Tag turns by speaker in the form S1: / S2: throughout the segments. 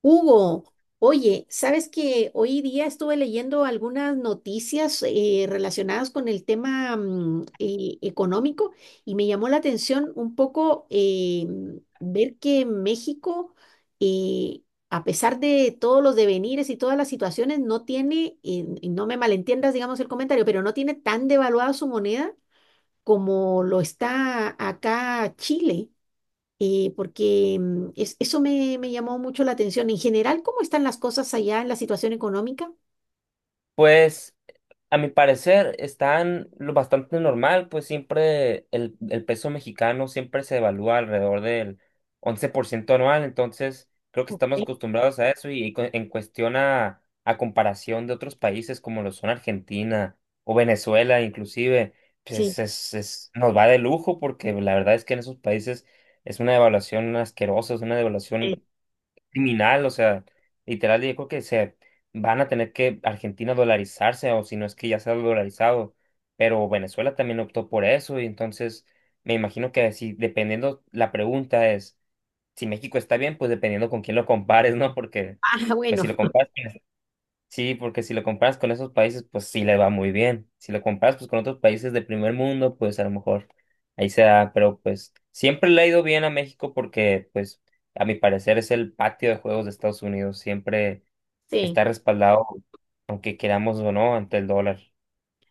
S1: Hugo, oye, ¿sabes que hoy día estuve leyendo algunas noticias relacionadas con el tema económico y me llamó la atención un poco ver que México, eh, a pesar de todos los devenires y todas las situaciones, no tiene, y no me malentiendas, digamos, el comentario, pero no tiene tan devaluada su moneda como lo está acá Chile porque eso me llamó mucho la atención. En general, ¿cómo están las cosas allá en la situación económica?
S2: Pues a mi parecer están lo bastante normal, pues siempre el peso mexicano siempre se evalúa alrededor del 11% anual. Entonces creo que estamos
S1: Ok.
S2: acostumbrados a eso y, cu- en cuestión a comparación de otros países como lo son Argentina o Venezuela inclusive,
S1: Sí.
S2: pues nos va de lujo porque la verdad es que en esos países es una devaluación asquerosa, es una
S1: Eh,
S2: devaluación criminal, o sea, literal, yo creo que se van a tener que Argentina dolarizarse, o si no es que ya se ha dolarizado, pero Venezuela también optó por eso. Y entonces me imagino que si dependiendo, la pregunta es, si México está bien, pues dependiendo con quién lo compares, ¿no? Porque
S1: ah,
S2: pues si
S1: bueno,
S2: lo comparas con sí, porque si lo comparas con esos países, pues sí le va muy bien. Si lo comparas pues con otros países de primer mundo, pues a lo mejor ahí se da, pero pues siempre le ha ido bien a México porque pues a mi parecer es el patio de juegos de Estados Unidos, siempre
S1: sí.
S2: está respaldado, aunque queramos o no, ante el dólar.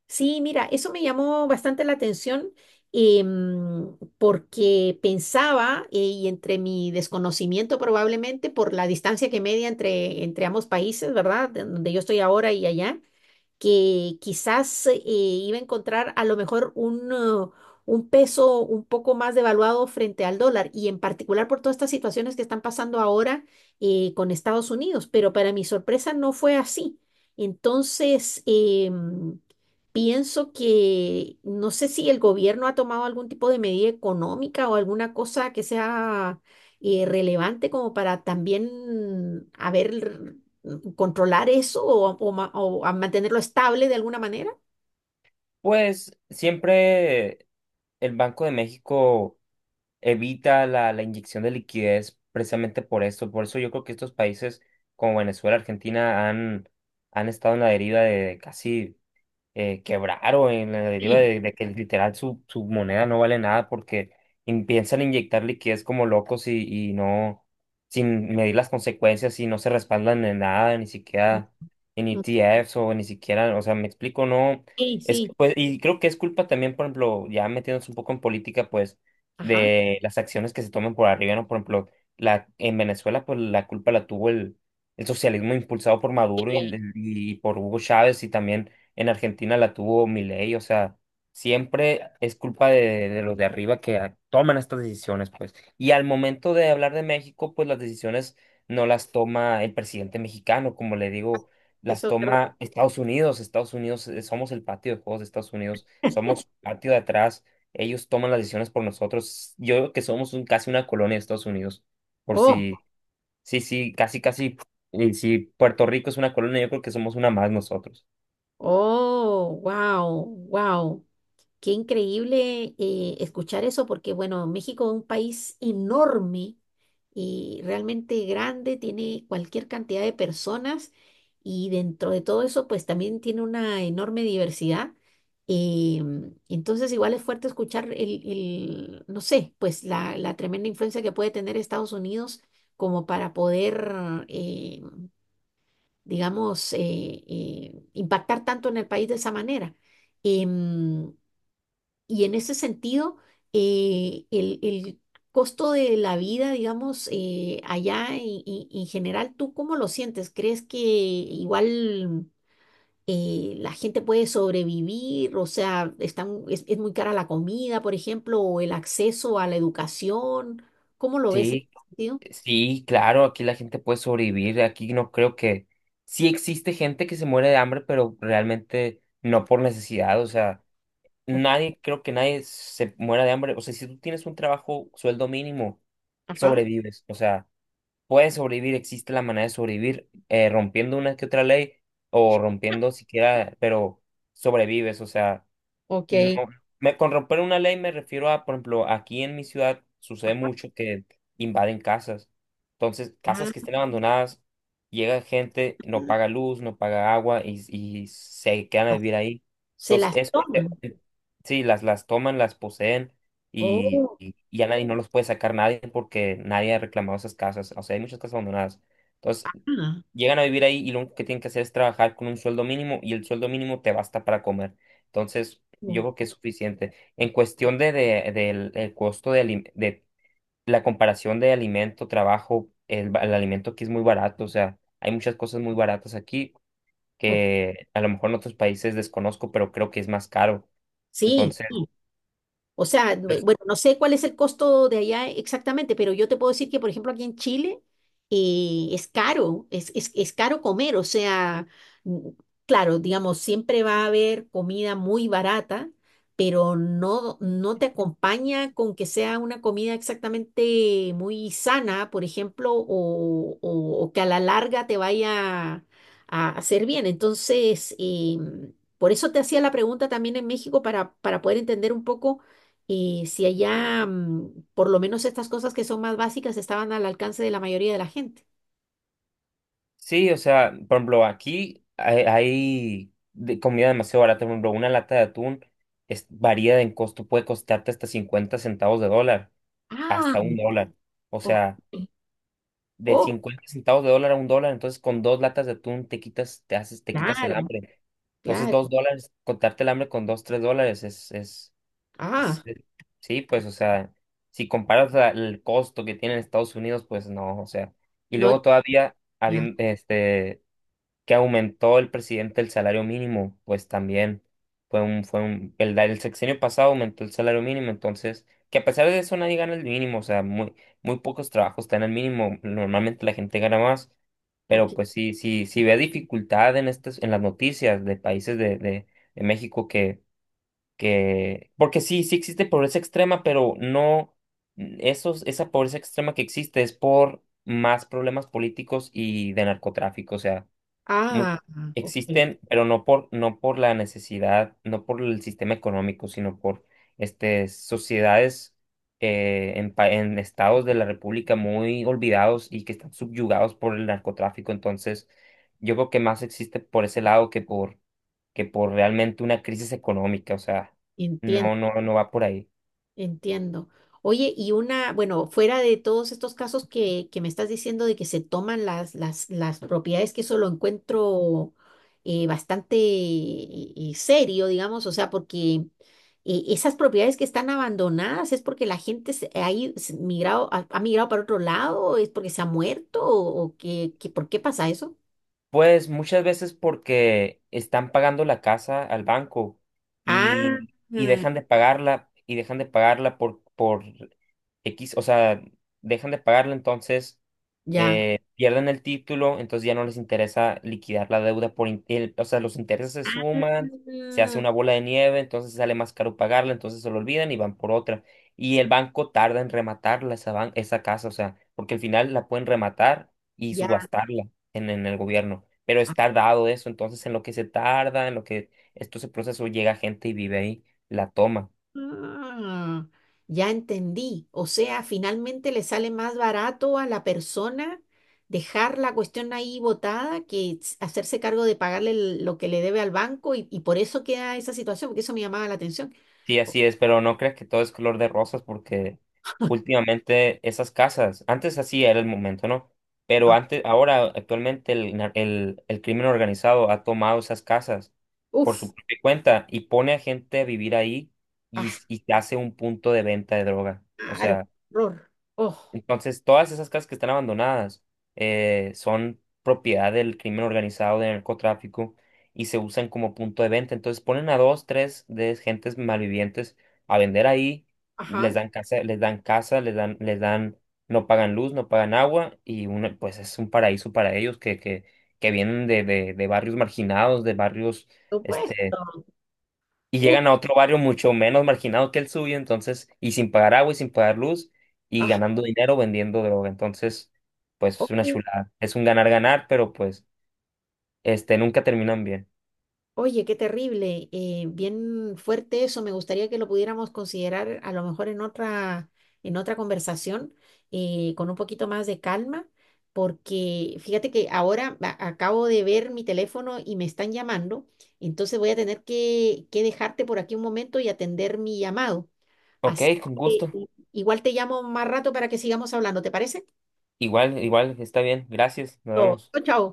S1: Sí, mira, eso me llamó bastante la atención porque pensaba, y entre mi desconocimiento probablemente por la distancia que media entre ambos países, ¿verdad? De donde yo estoy ahora y allá. Que quizás iba a encontrar a lo mejor un peso un poco más devaluado frente al dólar y en particular por todas estas situaciones que están pasando ahora con Estados Unidos, pero para mi sorpresa no fue así. Entonces, pienso que no sé si el gobierno ha tomado algún tipo de medida económica o alguna cosa que sea relevante como para también haber controlar eso o ma- o a mantenerlo estable de alguna manera?
S2: Pues siempre el Banco de México evita la inyección de liquidez precisamente por esto. Por eso yo creo que estos países como Venezuela, Argentina han, han estado en la deriva de casi quebraron en la deriva
S1: Sí.
S2: de que literal su moneda no vale nada porque in- piensan inyectar liquidez como locos y no, sin medir las consecuencias y no se respaldan en nada, ni siquiera en
S1: Mm,
S2: ETFs o ni siquiera, o sea, me explico, no,
S1: sí,
S2: es,
S1: sí,
S2: pues, y creo que es culpa también, por ejemplo, ya metiéndose un poco en política, pues,
S1: ajá,
S2: de las acciones que se toman por arriba, ¿no? Por ejemplo, la, en Venezuela, pues, la culpa la tuvo el socialismo impulsado por Maduro y por Hugo Chávez y también en Argentina la tuvo Milei, o sea, siempre es culpa de los de arriba que a- toman estas decisiones, pues. Y al momento de hablar de México, pues las decisiones no las toma el presidente mexicano, como le digo, las
S1: eso es
S2: toma
S1: verdad.
S2: Estados Unidos. Estados Unidos, somos el patio de juegos de Estados Unidos, somos patio de atrás, ellos toman las decisiones por nosotros. Yo creo que somos un- casi una colonia de Estados Unidos, por
S1: Oh,
S2: si, sí, sí, casi, casi, y si Puerto Rico es una colonia, yo creo que somos una más nosotros.
S1: oh, wow, wow. Qué increíble escuchar eso porque, bueno, México es un país enorme y realmente grande, tiene cualquier cantidad de personas y dentro de todo eso, pues también tiene una enorme diversidad. Eh, entonces, igual es fuerte escuchar el, no sé, pues la tremenda influencia que puede tener Estados Unidos como para poder, eh, digamos, impactar tanto en el país de esa manera. Em, y en ese sentido, el costo de la vida, digamos, allá y- en general, ¿tú cómo lo sientes? ¿Crees que igual la gente puede sobrevivir? O sea, están, es muy cara la comida, por ejemplo, o el acceso a la educación. ¿Cómo lo ves en
S2: Sí,
S1: ese sentido?
S2: sí, claro, aquí la gente puede sobrevivir, aquí no creo que... Sí existe gente que se muere de hambre, pero realmente no por necesidad, o sea,
S1: Ok,
S2: nadie, creo que nadie se muera de hambre, o sea, si tú tienes un trabajo, sueldo mínimo,
S1: ajá,
S2: sobrevives, o sea, puedes sobrevivir, existe la manera de sobrevivir, rompiendo una que otra ley o rompiendo siquiera, pero sobrevives, o sea... No,
S1: ok.
S2: con romper una ley me refiero a, por ejemplo, aquí en mi ciudad sucede mucho que invaden casas. Entonces, casas
S1: Ah,
S2: que estén abandonadas, llega gente, no paga luz, no paga agua y se quedan a vivir ahí.
S1: se
S2: Entonces,
S1: las
S2: es,
S1: toman.
S2: sí, las toman, las poseen
S1: Oh,
S2: y a nadie no los puede sacar nadie porque nadie ha reclamado esas casas. O sea, hay muchas casas abandonadas. Entonces,
S1: ah,
S2: llegan a vivir ahí y lo único que tienen que hacer es trabajar con un sueldo mínimo y el sueldo mínimo te basta para comer. Entonces, yo creo
S1: o-
S2: que es suficiente. En cuestión de- del el costo de, alim- de la comparación de alimento, trabajo, el alimento aquí es muy barato, o sea, hay muchas cosas muy baratas aquí
S1: o-
S2: que a lo mejor en otros países desconozco, pero creo que es más caro.
S1: sí.
S2: Entonces,
S1: O sea, bu-
S2: pues,
S1: bueno, no sé cuál es el costo de allá exactamente, pero yo te puedo decir que, por ejemplo, aquí en Chile es caro comer. O sea, mm, claro, digamos, siempre va a haber comida muy barata, pero no, no te acompaña con que sea una comida exactamente muy sana, por ejemplo, o que a la larga te vaya a hacer bien. Entonces, por eso te hacía la pregunta también en México para poder entender un poco. Y si allá, por lo menos estas cosas que son más básicas estaban al alcance de la mayoría de la gente.
S2: sí, o sea, por ejemplo, aquí hay de comida demasiado barata, por ejemplo, una lata de atún es, varía en costo, puede costarte hasta 50 centavos de dólar,
S1: Ah,
S2: hasta un dólar. O
S1: ok.
S2: sea... de
S1: Oh,
S2: 50 centavos de dólar a un dólar, entonces con dos latas de atún te quitas, te haces, te quitas el
S1: claro,
S2: hambre. Entonces
S1: claro.
S2: dos dólares, contarte el hambre con dos, tres dólares es, es, es,
S1: Ah,
S2: es- sí, pues, o sea, si comparas a- el costo que tiene en Estados Unidos, pues no, o sea, y
S1: no,
S2: luego todavía,
S1: ya,
S2: habien- este, que aumentó el presidente el salario mínimo, pues también fue un, el, el sexenio pasado aumentó el salario mínimo. Entonces, que a pesar de eso nadie gana el mínimo, o sea, muy, muy pocos trabajos están el mínimo, normalmente la gente gana más,
S1: ok.
S2: pero pues sí, sí, sí ve dificultad en estas, en las noticias de países de, de, México que, porque sí, sí existe pobreza extrema, pero no, esos, esa pobreza extrema que existe es por más problemas políticos y de narcotráfico, o sea, Much-
S1: Ah, ok.
S2: existen, pero no por, no por la necesidad, no por el sistema económico, sino por este, sociedades, en, pa- en estados de la República muy olvidados y que están subyugados por el narcotráfico. Entonces, yo creo que más existe por ese lado que por realmente una crisis económica. O sea,
S1: Entiendo.
S2: no, no, no va por ahí.
S1: Entiendo. Oye, y una, bueno, fuera de todos estos casos que me estás diciendo de que se toman las propiedades, que eso lo encuentro bastante serio, digamos, o sea, porque esas propiedades que están abandonadas es porque la gente se, ha, ido- se migrado, ha, ha migrado para otro lado, es porque se ha muerto o que- ¿por qué pasa eso?
S2: Pues muchas veces porque están pagando la casa al banco
S1: Ah,
S2: y dejan de pagarla y dejan de pagarla por, X, o sea, dejan de pagarla. Entonces
S1: ya.
S2: pierden el título, entonces ya no les interesa liquidar la deuda por, in- el- o sea, los intereses se suman, se hace
S1: Ah,
S2: una bola de nieve, entonces sale más caro pagarla, entonces se lo olvidan y van por otra. Y el banco tarda en rematarla esa casa, o sea, porque al final la pueden rematar y
S1: ya.
S2: subastarla en el gobierno, pero es tardado eso, entonces en lo que se tarda, en lo que esto se procesó, llega gente y vive ahí, la toma.
S1: Ah, ya entendí. O sea, finalmente le sale más barato a la persona dejar la cuestión ahí botada que s- hacerse cargo de pagarle el- lo que le debe al banco y por eso queda esa situación, porque eso me llamaba la atención.
S2: Sí,
S1: Oh,
S2: así es, pero no creas que todo es color de rosas porque últimamente esas casas, antes así era el momento, ¿no? Pero
S1: ah,
S2: antes, ahora actualmente el crimen organizado ha tomado esas casas por
S1: uf,
S2: su propia cuenta y pone a gente a vivir ahí y,
S1: ah,
S2: s- y te hace un punto de venta de droga. O
S1: claro,
S2: sea...
S1: horror. Oh,
S2: Entonces, todas esas casas que están abandonadas son propiedad del crimen organizado, del narcotráfico, y se usan como punto de venta. Entonces, ponen a dos, tres de gentes malvivientes a vender ahí,
S1: ajá,
S2: les dan casa, no pagan luz, no pagan agua, y uno, pues es un paraíso para ellos que, que vienen de, de barrios marginados, de barrios,
S1: por supuesto.
S2: este, y
S1: Uf,
S2: llegan a otro barrio mucho menos marginado que el suyo, entonces, y sin pagar agua y sin pagar luz, y
S1: ah,
S2: ganando dinero vendiendo droga. Entonces, pues es una
S1: oh.
S2: chulada. Es un ganar-ganar, pero pues, este, nunca terminan bien.
S1: Oye, qué terrible, bien fuerte eso. Me gustaría que lo pudiéramos considerar a lo mejor en otra conversación, con un poquito más de calma, porque fíjate que ahora a- acabo de ver mi teléfono y me están llamando, entonces voy a tener que dejarte por aquí un momento y atender mi llamado.
S2: Ok,
S1: Así
S2: con
S1: que
S2: gusto.
S1: igual te llamo más rato para que sigamos hablando, ¿te parece?
S2: Igual, igual, está bien. Gracias. Nos
S1: Chao,
S2: vemos.
S1: chao.